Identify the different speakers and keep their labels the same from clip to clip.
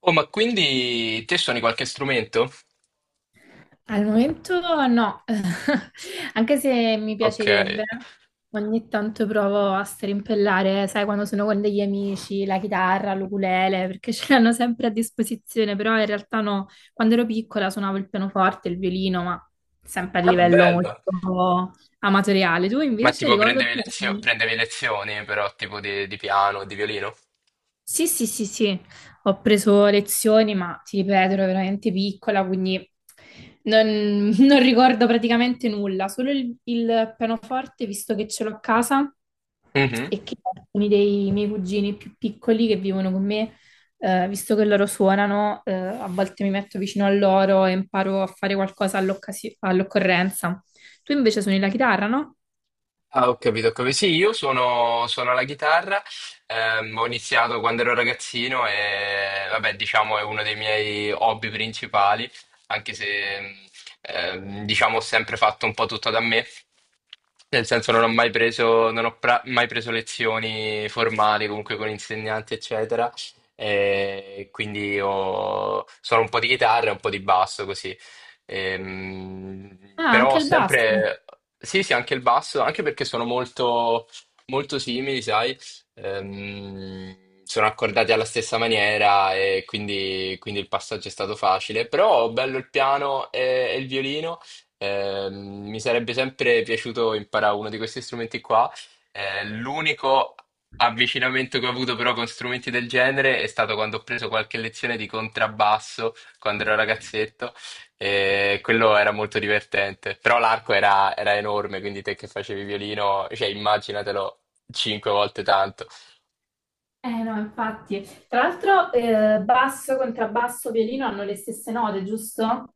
Speaker 1: Oh, ma quindi te suoni qualche strumento?
Speaker 2: Al momento no, anche se mi
Speaker 1: Ok.
Speaker 2: piacerebbe, ogni tanto provo a strimpellare, sai, quando sono con degli amici, la chitarra, l'ukulele, perché ce l'hanno sempre a disposizione, però in realtà no, quando ero piccola suonavo il pianoforte, il violino, ma sempre a
Speaker 1: Ah,
Speaker 2: livello
Speaker 1: bello.
Speaker 2: molto amatoriale. Tu
Speaker 1: Ma
Speaker 2: invece
Speaker 1: tipo
Speaker 2: ricordo più?
Speaker 1: prendevi lezioni però tipo di piano, di violino?
Speaker 2: Sì, sì, sì, sì, ho preso lezioni, ma ti ripeto, ero veramente piccola, quindi non, non ricordo praticamente nulla, solo il pianoforte, visto che ce l'ho a casa
Speaker 1: Mhm.
Speaker 2: e che alcuni dei miei cugini più piccoli che vivono con me, visto che loro suonano, a volte mi metto vicino a loro e imparo a fare qualcosa all'occorrenza. Tu invece suoni la chitarra, no?
Speaker 1: Ah, ho capito, ho capito. Sì, io suono la chitarra, ho iniziato quando ero ragazzino e vabbè, diciamo è uno dei miei hobby principali, anche se diciamo ho sempre fatto un po' tutto da me, nel senso non ho mai preso, non ho pra- mai preso lezioni formali comunque con insegnanti, eccetera, e quindi suono un po' di chitarra e un po' di basso così.
Speaker 2: Ah,
Speaker 1: Però
Speaker 2: anche il basso.
Speaker 1: sempre, sì, sì, anche il basso, anche perché sono molto, molto simili, sai. Sono accordati alla stessa maniera e quindi il passaggio è stato facile, però bello il piano e il violino. Mi sarebbe sempre piaciuto imparare uno di questi strumenti qua. L'unico avvicinamento che ho avuto però con strumenti del genere è stato quando ho preso qualche lezione di contrabbasso quando ero ragazzetto e quello era molto divertente. Però l'arco era enorme, quindi te che facevi violino, cioè immaginatelo cinque volte tanto.
Speaker 2: Eh no, infatti. Tra l'altro, basso, contrabbasso, violino hanno le stesse note, giusto?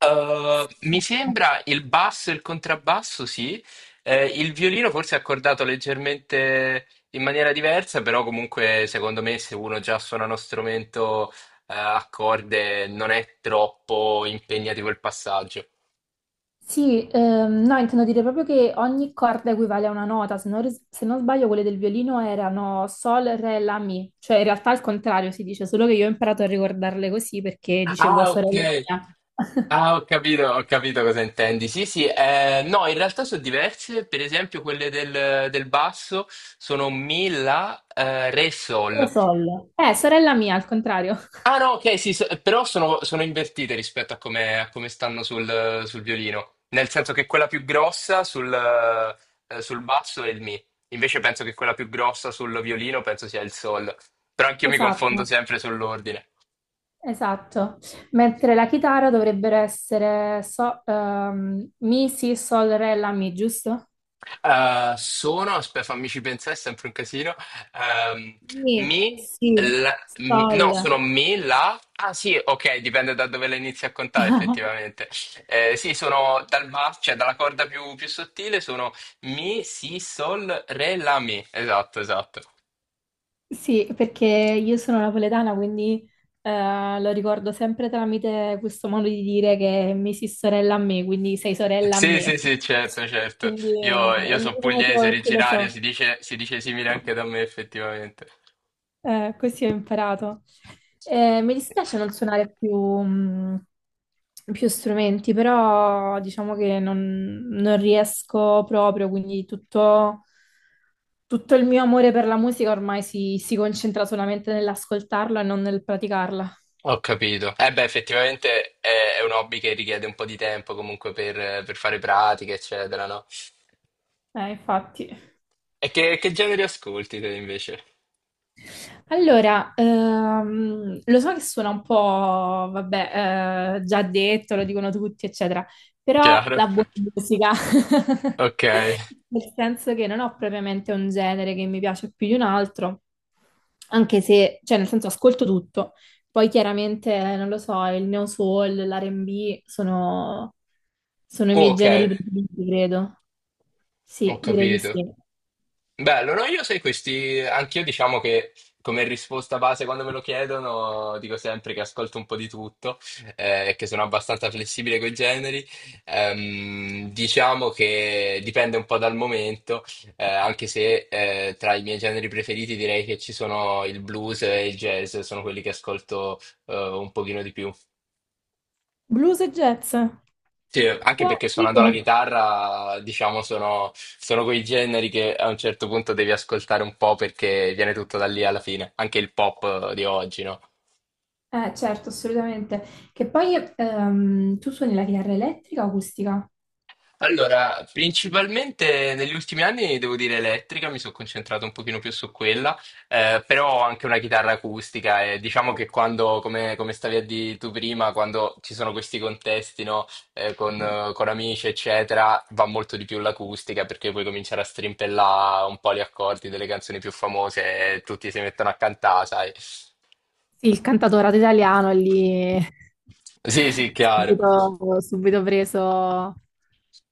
Speaker 2: Sì,
Speaker 1: Mi sembra il basso e il contrabbasso, sì. Il violino forse è accordato leggermente in maniera diversa, però comunque secondo me se uno già suona uno strumento a corde non è troppo impegnativo il passaggio.
Speaker 2: sì, no, intendo dire proprio che ogni corda equivale a una nota, se non sbaglio quelle del violino erano sol, re, la, mi, cioè in realtà al contrario si dice, solo che io ho imparato a ricordarle così perché dicevo
Speaker 1: Ah,
Speaker 2: sorella
Speaker 1: ok.
Speaker 2: mia.
Speaker 1: Ah, ho capito cosa intendi. Sì, sì, no, in realtà sono diverse. Per esempio, quelle del basso sono Mi, La, Re,
Speaker 2: O
Speaker 1: Sol.
Speaker 2: sol. Sorella mia, al contrario.
Speaker 1: Ah, no, ok, sì, però sono invertite rispetto a come stanno sul violino. Nel senso che quella più grossa sul basso è il Mi. Invece penso che quella più grossa sul violino penso sia il Sol. Però anch'io mi confondo
Speaker 2: Esatto.
Speaker 1: sempre sull'ordine.
Speaker 2: Esatto, mentre la chitarra dovrebbero essere Mi, Si, Sol, Re, La, Mi, giusto?
Speaker 1: Sono, aspetta, fammici pensare, è sempre un casino. Ehm,
Speaker 2: Sì,
Speaker 1: mi,
Speaker 2: sì,
Speaker 1: no,
Speaker 2: sol.
Speaker 1: sono mi, la. Ah sì, ok, dipende da dove la inizi a contare effettivamente. Sì, sono cioè dalla corda più sottile, sono mi, si, sol, re, la, mi. Esatto, esatto.
Speaker 2: Sì, perché io sono napoletana, quindi lo ricordo sempre tramite questo modo di dire che mi si sorella a me, quindi sei sorella a
Speaker 1: Sì, sì,
Speaker 2: me.
Speaker 1: sì, certo, certo.
Speaker 2: Quindi
Speaker 1: Io
Speaker 2: è
Speaker 1: sono
Speaker 2: l'unico motivo
Speaker 1: pugliese,
Speaker 2: per cui lo
Speaker 1: originario,
Speaker 2: so.
Speaker 1: si dice simile anche da me effettivamente.
Speaker 2: Così ho imparato. Mi dispiace non suonare più, mh, più strumenti, però diciamo che non riesco proprio, quindi tutto il mio amore per la musica ormai si concentra solamente nell'ascoltarla e non nel praticarla.
Speaker 1: Ho capito. Eh beh, effettivamente è un hobby che richiede un po' di tempo comunque per fare pratiche, eccetera, no?
Speaker 2: Infatti.
Speaker 1: E che genere ascolti te invece?
Speaker 2: Allora, lo so che suona un po', vabbè, già detto, lo dicono tutti, eccetera, però
Speaker 1: Chiaro.
Speaker 2: la buona musica.
Speaker 1: Ok.
Speaker 2: Nel senso che non ho propriamente un genere che mi piace più di un altro, anche se, cioè nel senso ascolto tutto. Poi chiaramente, non lo so, il neo soul, l'R&B sono i
Speaker 1: Oh,
Speaker 2: miei generi
Speaker 1: ok,
Speaker 2: preferiti, credo.
Speaker 1: ho
Speaker 2: Sì, direi di
Speaker 1: capito.
Speaker 2: sì.
Speaker 1: Bello, no? Io sai questi, anch'io diciamo che come risposta base quando me lo chiedono dico sempre che ascolto un po' di tutto e che sono abbastanza flessibile con i generi. Diciamo che dipende un po' dal momento, anche se tra i miei generi preferiti direi che ci sono il blues e il jazz, sono quelli che ascolto un pochino di più.
Speaker 2: Blues e jazz.
Speaker 1: Sì, anche
Speaker 2: Wow,
Speaker 1: perché suonando
Speaker 2: figo.
Speaker 1: la chitarra, diciamo, sono quei generi che a un certo punto devi ascoltare un po' perché viene tutto da lì alla fine, anche il pop di oggi, no?
Speaker 2: Certo, assolutamente. Che poi tu suoni la chitarra elettrica o acustica?
Speaker 1: Allora, principalmente negli ultimi anni devo dire elettrica, mi sono concentrato un pochino più su quella, però ho anche una chitarra acustica e diciamo che quando, come stavi a dire tu prima, quando ci sono questi contesti, no, con amici, eccetera, va molto di più l'acustica perché puoi cominciare a strimpellare un po' gli accordi delle canzoni più famose e tutti si mettono a cantare, sai?
Speaker 2: Sì, il cantautorato italiano è lì
Speaker 1: Sì, sì, chiaro.
Speaker 2: subito preso,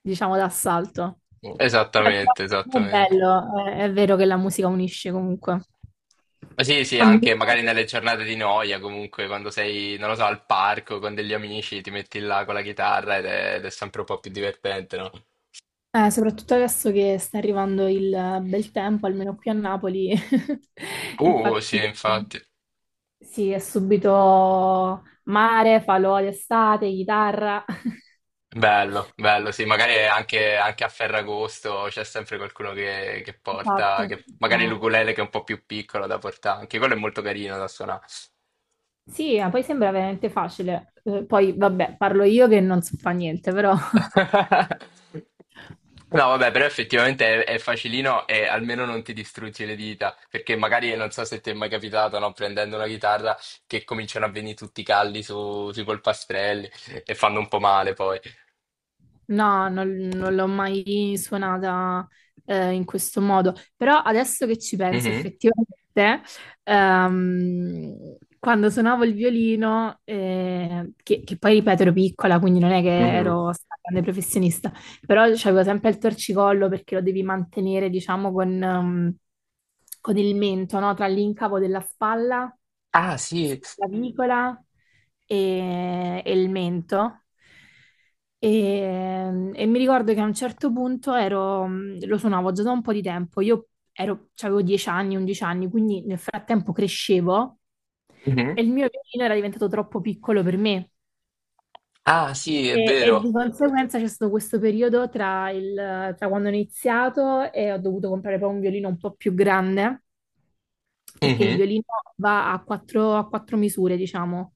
Speaker 2: diciamo, d'assalto.
Speaker 1: Esattamente,
Speaker 2: Però è
Speaker 1: esattamente.
Speaker 2: bello, è vero che la musica unisce comunque.
Speaker 1: Sì, sì,
Speaker 2: A me,
Speaker 1: anche magari nelle giornate di noia, comunque quando sei, non lo so, al parco con degli amici, ti metti là con la chitarra ed è sempre un po' più divertente, no?
Speaker 2: soprattutto adesso che sta arrivando il bel tempo, almeno qui a Napoli,
Speaker 1: Sì,
Speaker 2: infatti
Speaker 1: infatti.
Speaker 2: sì, è subito mare, falò d'estate, chitarra.
Speaker 1: Bello, bello, sì, magari anche a Ferragosto c'è sempre qualcuno che porta,
Speaker 2: Esatto,
Speaker 1: magari
Speaker 2: no,
Speaker 1: l'ukulele che è un po' più piccolo da portare, anche quello è molto carino da suonare.
Speaker 2: sì, ma poi sembra veramente facile. Poi, vabbè, parlo io che non so fa niente, però
Speaker 1: No, vabbè, però effettivamente è facilino e almeno non ti distruggi le dita, perché magari non so se ti è mai capitato, no, prendendo una chitarra che cominciano a venire tutti i calli sui polpastrelli e fanno un po' male poi.
Speaker 2: no, non l'ho mai suonata in questo modo. Però adesso che ci penso,
Speaker 1: Mhm.
Speaker 2: effettivamente, quando suonavo il violino, che poi ripeto ero piccola, quindi non è che
Speaker 1: Mhm.
Speaker 2: ero stata grande professionista, però c'avevo sempre il torcicollo perché lo devi mantenere, diciamo, con il mento, no? Tra l'incavo della spalla,
Speaker 1: Ah, sì.
Speaker 2: sulla clavicola e il mento. E mi ricordo che a un certo punto lo suonavo già da un po' di tempo, avevo 10 anni, 11 anni, quindi nel frattempo crescevo e
Speaker 1: Mhm.
Speaker 2: il mio violino era diventato troppo piccolo per me.
Speaker 1: Ah, sì, è
Speaker 2: E di
Speaker 1: vero.
Speaker 2: conseguenza c'è stato questo periodo tra quando ho iniziato e ho dovuto comprare poi un violino un po' più grande, perché il
Speaker 1: Mhm.
Speaker 2: violino va a a quattro misure, diciamo,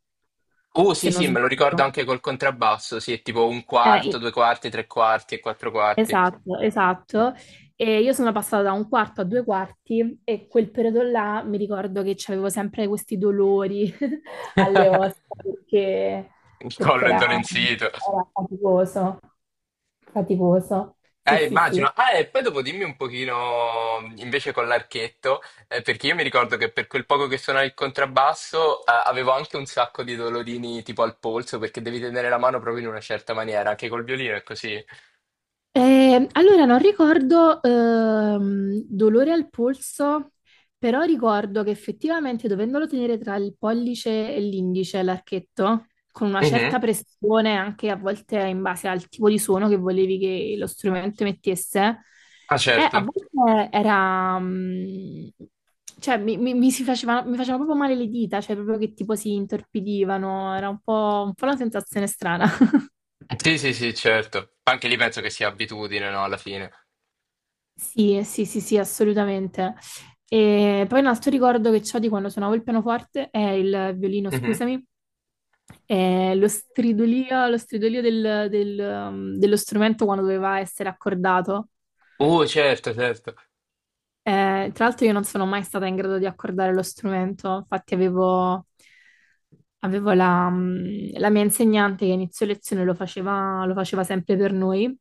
Speaker 2: se
Speaker 1: Sì,
Speaker 2: non
Speaker 1: sì, me lo ricordo
Speaker 2: sbaglio.
Speaker 1: anche col contrabbasso, sì, è tipo un
Speaker 2: Eh,
Speaker 1: quarto,
Speaker 2: i-
Speaker 1: due quarti, tre quarti e quattro quarti.
Speaker 2: esatto, esatto. E io sono passata da un quarto a due quarti e quel periodo là mi ricordo che avevo sempre questi dolori alle ossa
Speaker 1: Il
Speaker 2: perché
Speaker 1: collo indolenzito.
Speaker 2: era faticoso, faticoso. Sì, sì, sì.
Speaker 1: Immagino. Ah, e poi dopo dimmi un pochino invece con l'archetto, perché io mi ricordo che per quel poco che suonavo il contrabbasso, avevo anche un sacco di dolorini tipo al polso, perché devi tenere la mano proprio in una certa maniera, anche col violino è così.
Speaker 2: Allora, non ricordo dolore al polso, però ricordo che effettivamente dovendolo tenere tra il pollice e l'indice, l'archetto, con una
Speaker 1: Mhm.
Speaker 2: certa pressione, anche a volte in base al tipo di suono che volevi che lo strumento emettesse,
Speaker 1: Ah,
Speaker 2: a
Speaker 1: certo.
Speaker 2: volte era... mm, cioè, mi si faceva, mi facevano proprio male le dita, cioè proprio che tipo si intorpidivano, era un po' una sensazione strana.
Speaker 1: Sì, sì, sì, certo. Anche lì penso che sia abitudine, no, alla fine.
Speaker 2: Sì, sì, sì, sì, assolutamente. E poi un altro ricordo che ho di quando suonavo il pianoforte è il violino,
Speaker 1: Mhm.
Speaker 2: scusami, è lo stridolio, lo stridolio dello strumento quando doveva essere accordato.
Speaker 1: Certo, certo.
Speaker 2: Tra l'altro io non sono mai stata in grado di accordare lo strumento, infatti avevo la mia insegnante che a inizio lezione lo faceva sempre per noi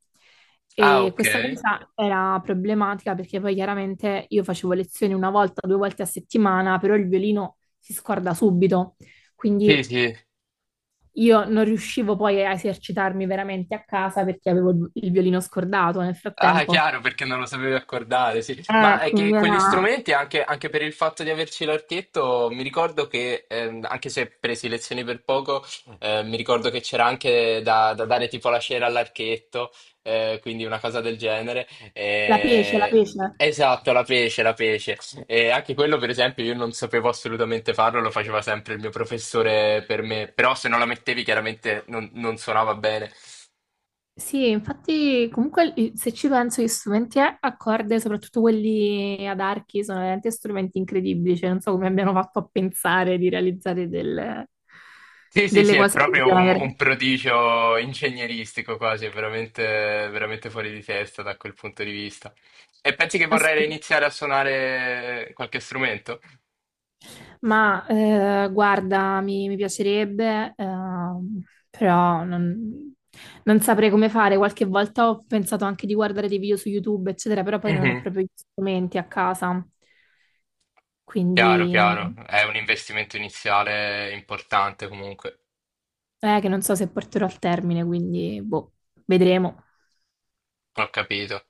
Speaker 1: Ah,
Speaker 2: e
Speaker 1: ok.
Speaker 2: questa cosa era problematica perché poi chiaramente io facevo lezioni una volta, due volte a settimana, però il violino si scorda subito, quindi
Speaker 1: Sì, sì.
Speaker 2: io non riuscivo poi a esercitarmi veramente a casa perché avevo il violino scordato nel
Speaker 1: Ah,
Speaker 2: frattempo.
Speaker 1: chiaro, perché non lo sapevi accordare, sì. Ma è che
Speaker 2: Quindi
Speaker 1: quegli
Speaker 2: era
Speaker 1: strumenti, anche, anche per il fatto di averci l'archetto, mi ricordo che, anche se presi lezioni per poco, mi ricordo che c'era anche da dare tipo la cera all'archetto, quindi una cosa del genere.
Speaker 2: la pece, la pece.
Speaker 1: Esatto, la pece, la pece. E anche quello, per esempio, io non sapevo assolutamente farlo, lo faceva sempre il mio professore per me, però se non la mettevi chiaramente non suonava bene.
Speaker 2: Sì, infatti comunque se ci penso gli strumenti a corde, soprattutto quelli ad archi, sono veramente strumenti incredibili, cioè non so come abbiano fatto a pensare di realizzare
Speaker 1: Sì, sì, sì,
Speaker 2: delle
Speaker 1: è
Speaker 2: cose del
Speaker 1: proprio un,
Speaker 2: genere.
Speaker 1: un prodigio ingegneristico quasi, è veramente, veramente fuori di testa da quel punto di vista. E pensi che
Speaker 2: Ass-
Speaker 1: vorrei iniziare a suonare qualche strumento?
Speaker 2: Ma guarda, mi piacerebbe, però non saprei come fare. Qualche volta ho pensato anche di guardare dei video su YouTube, eccetera, però poi non ho
Speaker 1: Mhm.
Speaker 2: proprio gli strumenti a casa,
Speaker 1: Chiaro,
Speaker 2: quindi...
Speaker 1: chiaro, è un investimento iniziale importante comunque,
Speaker 2: Che non so se porterò al termine, quindi boh, vedremo.
Speaker 1: ho capito.